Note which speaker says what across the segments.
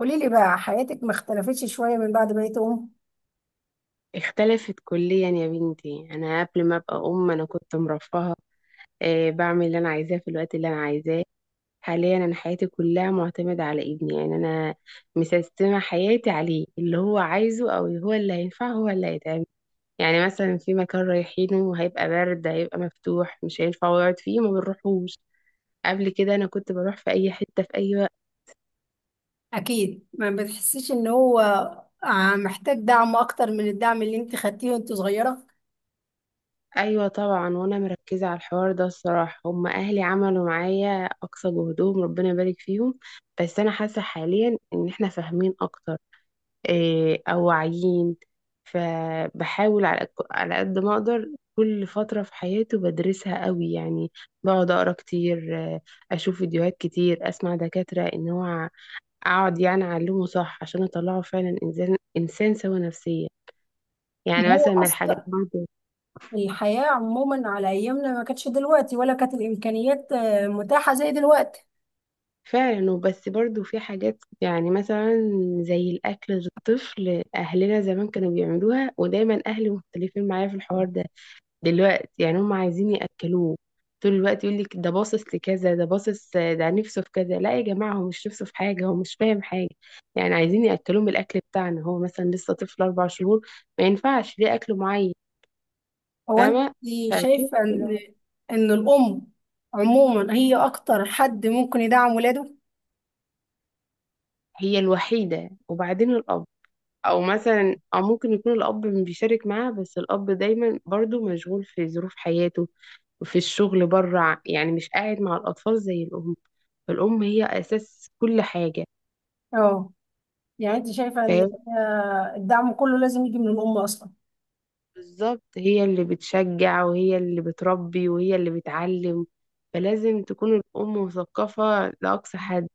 Speaker 1: قولي لي بقى حياتك ما اختلفتش شوية من بعد ما بقيت أم؟
Speaker 2: اختلفت كليا يا بنتي. انا قبل ما ابقى ام انا كنت مرفهه. بعمل اللي انا عايزاه في الوقت اللي انا عايزاه. حاليا انا حياتي كلها معتمده على ابني، يعني انا مسيستمه حياتي عليه، اللي هو عايزه او هو اللي هينفع هو اللي هيتعمل. يعني مثلا في مكان رايحينه هيبقى برد، هيبقى مفتوح، مش هينفع يقعد فيه ما بنروحوش. قبل كده انا كنت بروح في اي حته في اي وقت.
Speaker 1: اكيد ما بتحسيش ان هو محتاج دعم اكتر من الدعم اللي انت خدتيه وانت صغيره.
Speaker 2: ايوه طبعا. وانا مركزه على الحوار ده الصراحه، هم اهلي عملوا معايا اقصى جهدهم، ربنا يبارك فيهم. بس انا حاسه حاليا ان احنا فاهمين اكتر، إيه، او واعيين. فبحاول على قد ما اقدر. كل فتره في حياتي بدرسها قوي، يعني بقعد اقرا كتير، اشوف فيديوهات كتير، اسمع دكاتره ان هو اقعد يعني اعلمه صح عشان اطلعه فعلا انسان، سوي نفسيا. يعني
Speaker 1: ما
Speaker 2: مثلا
Speaker 1: هو
Speaker 2: من الحاجات
Speaker 1: أصلا
Speaker 2: برضه.
Speaker 1: الحياة عموما على أيامنا ما كانتش دلوقتي ولا كانت الإمكانيات متاحة زي دلوقتي.
Speaker 2: فعلا. وبس برضو في حاجات، يعني مثلا زي الأكل للطفل. أهلنا زمان كانوا بيعملوها، ودايما أهلي مختلفين معايا في الحوار ده. دلوقتي يعني هم عايزين يأكلوه طول الوقت. يقول لك ده باصص لكذا، ده باصص، ده نفسه في كذا. لا يا جماعة، هو مش نفسه في حاجة، هو مش فاهم حاجة. يعني عايزين يأكلوه من الأكل بتاعنا، هو مثلا لسه طفل 4 شهور، ما ينفعش ليه أكل معين.
Speaker 1: هو أنت
Speaker 2: فاهمة. فهي
Speaker 1: شايفة إن الأم عموما هي أكتر حد ممكن يدعم ولاده؟
Speaker 2: الوحيدة، وبعدين الأب. او مثلا او ممكن يكون الاب بيشارك معاها، بس الاب دايما برضو مشغول في ظروف حياته وفي الشغل بره، يعني مش قاعد مع الاطفال زي الام. الام هي اساس كل حاجه.
Speaker 1: اه، يعني أنت شايفة إن
Speaker 2: فهي
Speaker 1: الدعم كله لازم يجي من الأم أصلا.
Speaker 2: بالظبط، هي اللي بتشجع وهي اللي بتربي وهي اللي بتعلم. فلازم تكون الام مثقفه لاقصى حد،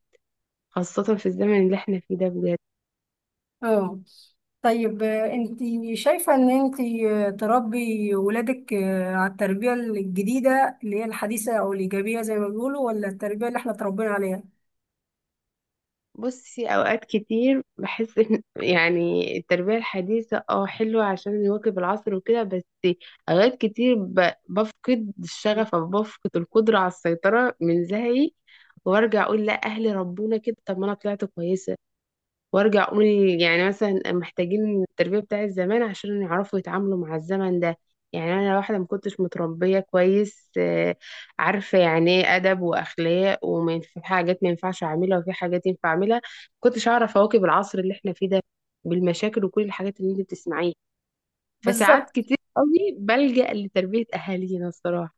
Speaker 2: خاصه في الزمن اللي احنا فيه ده بجد.
Speaker 1: اه، طيب انت شايفة ان انت تربي ولادك على التربية الجديدة اللي هي الحديثة او الايجابية زي ما بيقولوا، ولا التربية اللي احنا اتربينا عليها.
Speaker 2: بصي، اوقات كتير بحس ان يعني التربيه الحديثه اه حلوه عشان يواكب العصر وكده، بس اوقات كتير بفقد الشغف او بفقد القدره على السيطره من زهقي. وارجع اقول لا، اهلي ربونا كده، طب ما انا طلعت كويسه. وارجع اقول يعني مثلا محتاجين التربيه بتاعت زمان عشان يعرفوا يتعاملوا مع الزمن ده. يعني انا واحده ما كنتش متربيه كويس، عارفه يعني ايه ادب واخلاق، ومن في حاجات ما ينفعش اعملها وفي حاجات ينفع اعملها. كنتش اعرف اواكب العصر اللي احنا فيه ده بالمشاكل وكل الحاجات اللي انت بتسمعيها. فساعات
Speaker 1: بالظبط.
Speaker 2: كتير قوي بلجأ لتربيه اهالينا الصراحه.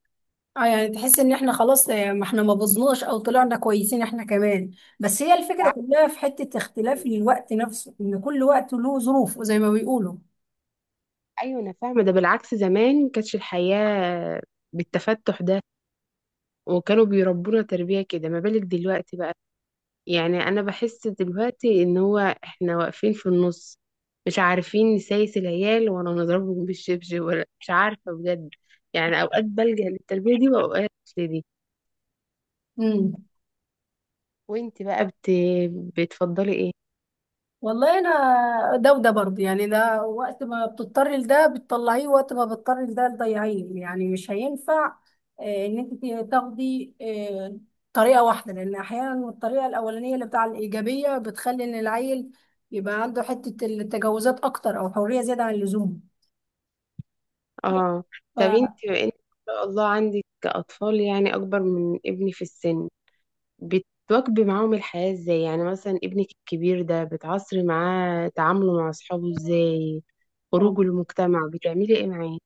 Speaker 1: اه، يعني تحس ان احنا خلاص، ما احنا ما بظناش او طلعنا كويسين احنا كمان، بس هي الفكرة
Speaker 2: بالعكس-
Speaker 1: كلها في حتة اختلاف الوقت نفسه ان كل وقت له ظروف زي ما بيقولوا.
Speaker 2: ايوه انا فاهمه ده. بالعكس زمان ما كانتش الحياه بالتفتح ده، وكانوا بيربونا تربية كده، ما بالك دلوقتي بقى. يعني أنا بحس دلوقتي إن هو إحنا واقفين في النص، مش عارفين نسايس العيال ولا نضربهم بالشبشب ولا مش عارفة بجد. يعني أوقات بلجأ للتربية دي وأوقات لدي.
Speaker 1: امم.
Speaker 2: وإنت بقى بت... بتفضلي إيه؟
Speaker 1: والله انا ده وده برضه، يعني ده وقت ما بتضطري لده بتطلعيه، وقت ما بتضطري لده تضيعيه، يعني مش هينفع ان انت تاخدي طريقه واحده، لان احيانا الطريقه الاولانيه اللي بتاع الايجابيه بتخلي ان العيل يبقى عنده حته التجاوزات اكتر، او حريه زياده عن اللزوم.
Speaker 2: آه. طب إنت بما إنك ما شاء الله عندك أطفال يعني أكبر من ابني في السن، بتواكبي معاهم الحياة إزاي؟ يعني مثلا ابنك الكبير ده بتعصري معاه تعامله مع أصحابه إزاي؟
Speaker 1: ف
Speaker 2: خروج المجتمع بتعملي ايه معاه؟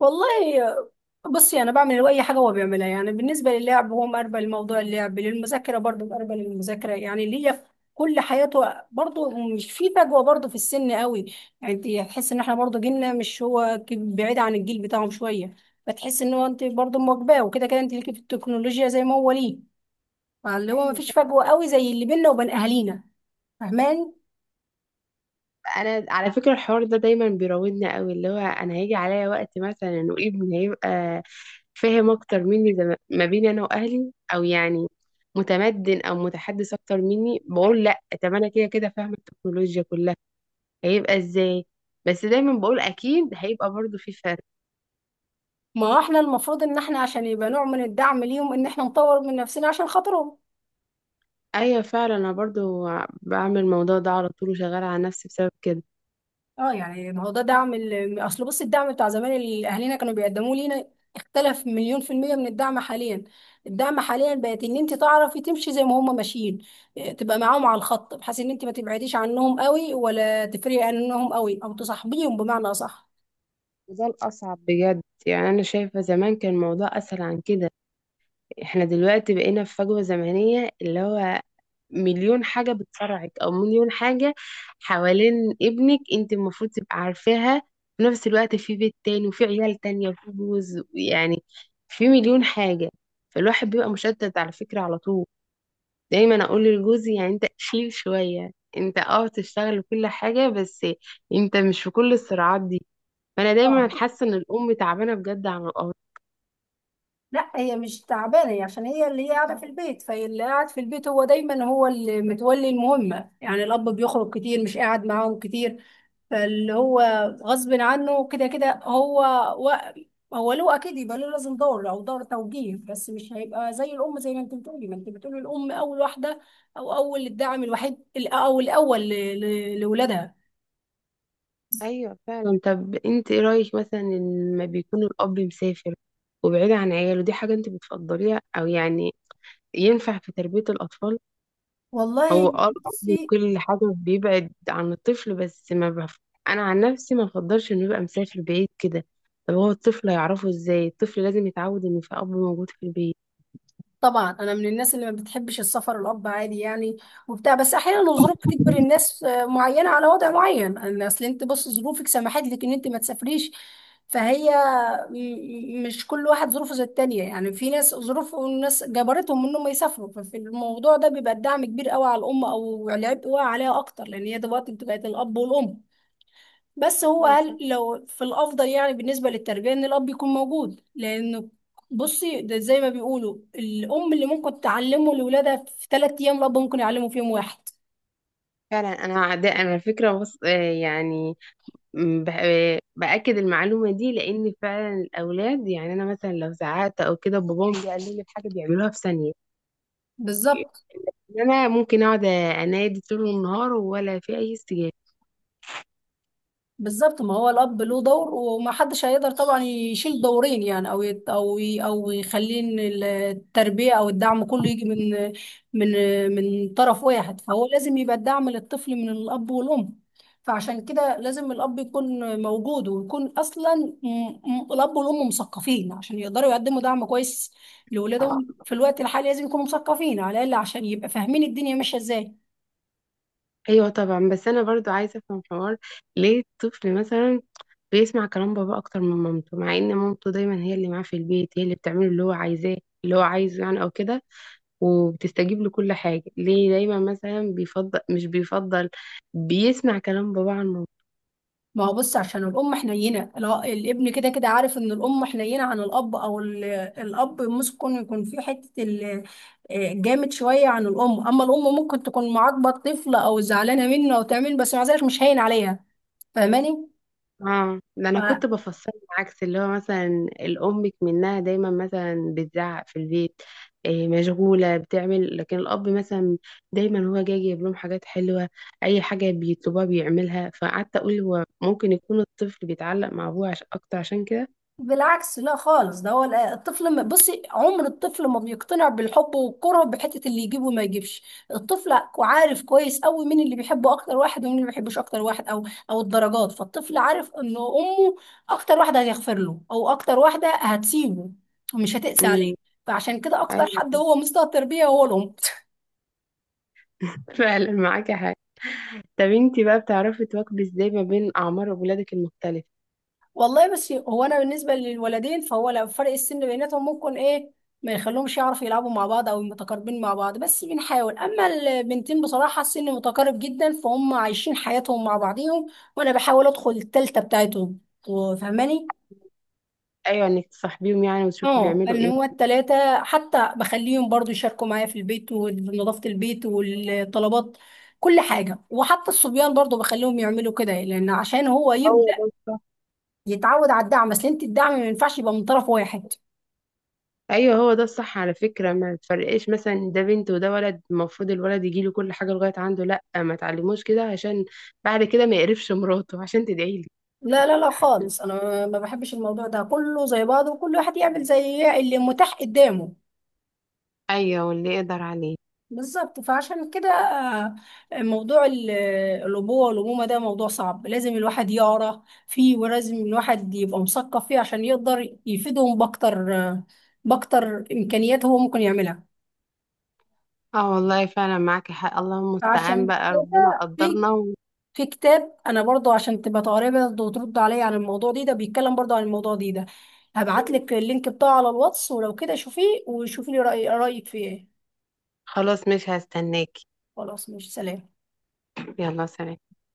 Speaker 1: والله بصي، انا بعمل اي حاجه هو بيعملها، يعني بالنسبه للعب هو مقربل لموضوع اللعب، للمذاكره برضه مقربل للمذاكره، يعني ليا في كل حياته برضه، مش في فجوه برضه في السن قوي. يعني انت تحس ان احنا برضه جيلنا مش هو بعيد عن الجيل بتاعهم شويه، فتحس ان هو انت برضه مواكباه، وكده كده انت ليكي في التكنولوجيا زي ما هو ليه، فاللي هو
Speaker 2: ايوه.
Speaker 1: مفيش
Speaker 2: طب
Speaker 1: فجوه قوي زي اللي بيننا وبين اهالينا. فاهماني؟
Speaker 2: انا على فكره الحوار ده دايما بيراودنا قوي، اللي هو انا هيجي عليا وقت مثلا وابني هيبقى فاهم اكتر مني، زي ما بيني انا واهلي، او يعني متمدن او متحدث اكتر مني. بقول لا، طب انا كده كده فاهمه التكنولوجيا كلها، هيبقى ازاي؟ بس دايما بقول اكيد هيبقى برضو في فرق.
Speaker 1: ما هو احنا المفروض ان احنا عشان يبقى نوع من الدعم ليهم، ان احنا نطور من نفسنا عشان خاطرهم.
Speaker 2: ايوه فعلا. انا برضو بعمل الموضوع ده على طول، وشغاله على نفسي بسبب كده.
Speaker 1: اه، يعني ما هو ده دعم اصل بص، الدعم بتاع زمان اللي اهالينا كانوا بيقدموه لينا اختلف مليون % من الدعم حاليا. الدعم حاليا بقت ان انت تعرفي تمشي زي ما هم ماشيين، إيه، تبقى معاهم على الخط بحيث ان انت ما تبعديش عنهم قوي، ولا تفرقي عنهم قوي، او تصاحبيهم بمعنى اصح.
Speaker 2: وده الاصعب بجد، يعني انا شايفه زمان كان الموضوع اسهل عن كده. احنا دلوقتي بقينا في فجوة زمنية، اللي هو مليون حاجة بتصارعك، او مليون حاجة حوالين ابنك انت المفروض تبقى عارفاها. في نفس الوقت في بيت تاني، وفي عيال تانية، وفي جوز، يعني في مليون حاجة. فالواحد بيبقى مشتت على فكرة على طول. دايما اقول لجوزي، يعني انت شيل شوية، انت اه تشتغل وكل حاجة بس، انت مش في كل الصراعات دي. فانا
Speaker 1: اه،
Speaker 2: دايما حاسة ان الام تعبانة بجد عن الاب.
Speaker 1: لا هي مش تعبانه، هي عشان هي اللي هي قاعده في البيت، فاللي قاعد في البيت هو دايما هو اللي متولي المهمه، يعني الاب بيخرج كتير مش قاعد معاهم كتير، فاللي هو غصب عنه كده كده هو و... هو له اكيد، يبقى له لازم دور او دور توجيه، بس مش هيبقى زي الام، زي ما انت بتقولي الام اول واحده، او اول الدعم الوحيد او الاول لاولادها.
Speaker 2: ايوه فعلا. طب انت ايه رايك مثلا إن لما بيكون الاب مسافر وبعيد عن عياله، دي حاجه انت بتفضليها، او يعني ينفع في تربيه الاطفال؟ هو
Speaker 1: والله
Speaker 2: اه الاب
Speaker 1: بصي،
Speaker 2: وكل حاجه بيبعد عن الطفل، بس ما بف... انا عن نفسي ما بفضلش انه يبقى مسافر بعيد كده. طب هو الطفل هيعرفه ازاي؟ الطفل لازم يتعود ان في اب موجود في البيت.
Speaker 1: طبعا انا من الناس اللي ما بتحبش السفر، الاب عادي يعني وبتاع، بس احيانا الظروف بتجبر الناس معينه على وضع معين. أنا اصل انت بص ظروفك سمحت لك ان انت ما تسافريش، فهي م- مش كل واحد ظروفه زي التانية، يعني في ناس ظروف والناس جبرتهم انهم يسافروا، ففي الموضوع ده بيبقى الدعم كبير قوي على الام، او العبء واقع عليها اكتر لان هي دلوقتي بقت الاب والام، بس هو
Speaker 2: أيوة
Speaker 1: قال
Speaker 2: فعلا.
Speaker 1: لو في الافضل يعني بالنسبه للتربيه ان الاب يكون موجود لانه. بصي ده زي ما بيقولوا، الام اللي ممكن تعلمه لاولادها في 3 ايام، الاب ممكن يعلمه في يوم واحد.
Speaker 2: فعلا انا على فكره بص... آه يعني م، ب- بأكد المعلومة دي، لأن فعلا الأولاد، يعني أنا مثلا لو زعقت أو كده، باباهم بيقلل لي حاجة بيعملوها في ثانية.
Speaker 1: بالظبط.
Speaker 2: أنا ممكن أقعد أنادي طول النهار ولا في أي استجابة.
Speaker 1: بالظبط، ما هو الاب له دور وما حدش هيقدر طبعا يشيل دورين، يعني او يت او ي او يخلي إن التربيه او الدعم كله يجي من من من طرف واحد، فهو لازم يبقى الدعم للطفل من الاب والام، فعشان كده لازم الاب يكون موجود، ويكون اصلا م- الاب والام مثقفين عشان يقدروا يقدموا دعم كويس لاولادهم، في الوقت الحالي لازم يكونوا مثقفين على الاقل عشان يبقى فاهمين الدنيا ماشيه ازاي.
Speaker 2: أيوة طبعا. بس أنا برضو عايزة أفهم حوار. ليه الطفل مثلا بيسمع كلام بابا أكتر من مامته، مع إن مامته دايما هي اللي معاه في البيت، هي اللي بتعمله اللي هو عايزاه، اللي هو عايزه يعني أو كده، وبتستجيب له كل حاجة. ليه دايما مثلا بيفضل مش بيفضل بيسمع كلام بابا عن مامته؟
Speaker 1: ما هو بص، عشان الأم حنينة، لا الابن كده كده عارف إن الأم حنينة عن الأب، أو الأب ممكن يكون في حتة جامد شوية عن الأم، أما الأم ممكن تكون معاقبة الطفل أو زعلانة منه أو تعمل، بس مع ذلك مش هين عليها. فاهماني؟
Speaker 2: اه، ده انا كنت بفصل عكس اللي هو مثلا الام منها دايما مثلا بتزعق في البيت، إيه مشغوله بتعمل، لكن الاب مثلا دايما هو جاي يجيب لهم حاجات حلوه، اي حاجه بيطلبوها بيعملها. فقعدت اقول هو ممكن يكون الطفل بيتعلق مع ابوه اكتر عشان كده.
Speaker 1: بالعكس، لا خالص، ده هو الطفل بصي عمر الطفل ما بيقتنع بالحب والكره بحته اللي يجيبه وما يجيبش، الطفل عارف كويس قوي مين اللي بيحبه اكتر واحد، ومين اللي ما بيحبوش اكتر واحد، او الدرجات، فالطفل عارف انه امه اكتر واحده هتغفر له، او اكتر واحده هتسيبه ومش هتقسى
Speaker 2: امم،
Speaker 1: عليه، فعشان كده اكتر حد
Speaker 2: ايوه.
Speaker 1: هو مستوى التربيه هو الام.
Speaker 2: فعلا معاكي حاجه. طب انتي بقى بتعرفي تواكبي ازاي ما بين اعمار ولادك المختلفه؟
Speaker 1: والله بس هو انا بالنسبه للولدين فهو لو فرق السن بيناتهم ممكن ايه ما يخليهمش يعرفوا يلعبوا مع بعض او متقاربين مع بعض، بس بنحاول، اما البنتين بصراحه السن متقارب جدا فهم عايشين حياتهم مع بعضيهم، وانا بحاول ادخل التالتة بتاعتهم. فاهماني؟
Speaker 2: ايوه، انك تصاحبيهم يعني وتشوفي
Speaker 1: اه
Speaker 2: بيعملوا
Speaker 1: ان
Speaker 2: ايه.
Speaker 1: هو التلاتة حتى بخليهم برضو يشاركوا معايا في البيت ونظافه البيت والطلبات كل حاجه، وحتى الصبيان برضو بخليهم يعملوا كده، لان عشان هو يبدا
Speaker 2: أيوة.
Speaker 1: يتعود على الدعم، بس انت الدعم ما ينفعش يبقى من طرف واحد.
Speaker 2: ايوه هو ده الصح على فكره، ما تفرقش مثلا ده بنت وده ولد المفروض الولد يجي له كل حاجه لغايه عنده. لا، ما تعلموش كده عشان بعد كده ما يقرفش مراته عشان تدعي لي.
Speaker 1: لا، لا، لا، خالص انا ما بحبش الموضوع ده، كله زي بعضه وكل واحد يعمل زي اللي متاح قدامه.
Speaker 2: ايوه واللي يقدر عليه.
Speaker 1: بالظبط، فعشان كده موضوع الابوه والامومه ده موضوع صعب، لازم الواحد يقرا فيه ولازم الواحد يبقى مثقف فيه عشان يقدر يفيدهم باكتر باكتر امكانيات هو ممكن يعملها.
Speaker 2: اه والله فعلا معاكي حق، اللهم المستعان
Speaker 1: عشان
Speaker 2: بقى ربنا
Speaker 1: كده في
Speaker 2: قدرنا.
Speaker 1: كتاب انا برضو عشان تبقى تقريبا برضو وترد عليا عن الموضوع دي ده، بيتكلم برضو عن الموضوع دي ده، هبعت لك اللينك بتاعه على الواتس ولو كده شوفيه وشوفي لي رأيك فيه ايه.
Speaker 2: وخلاص مش هستناكي.
Speaker 1: خلاص مش سلام.
Speaker 2: يلا سلام.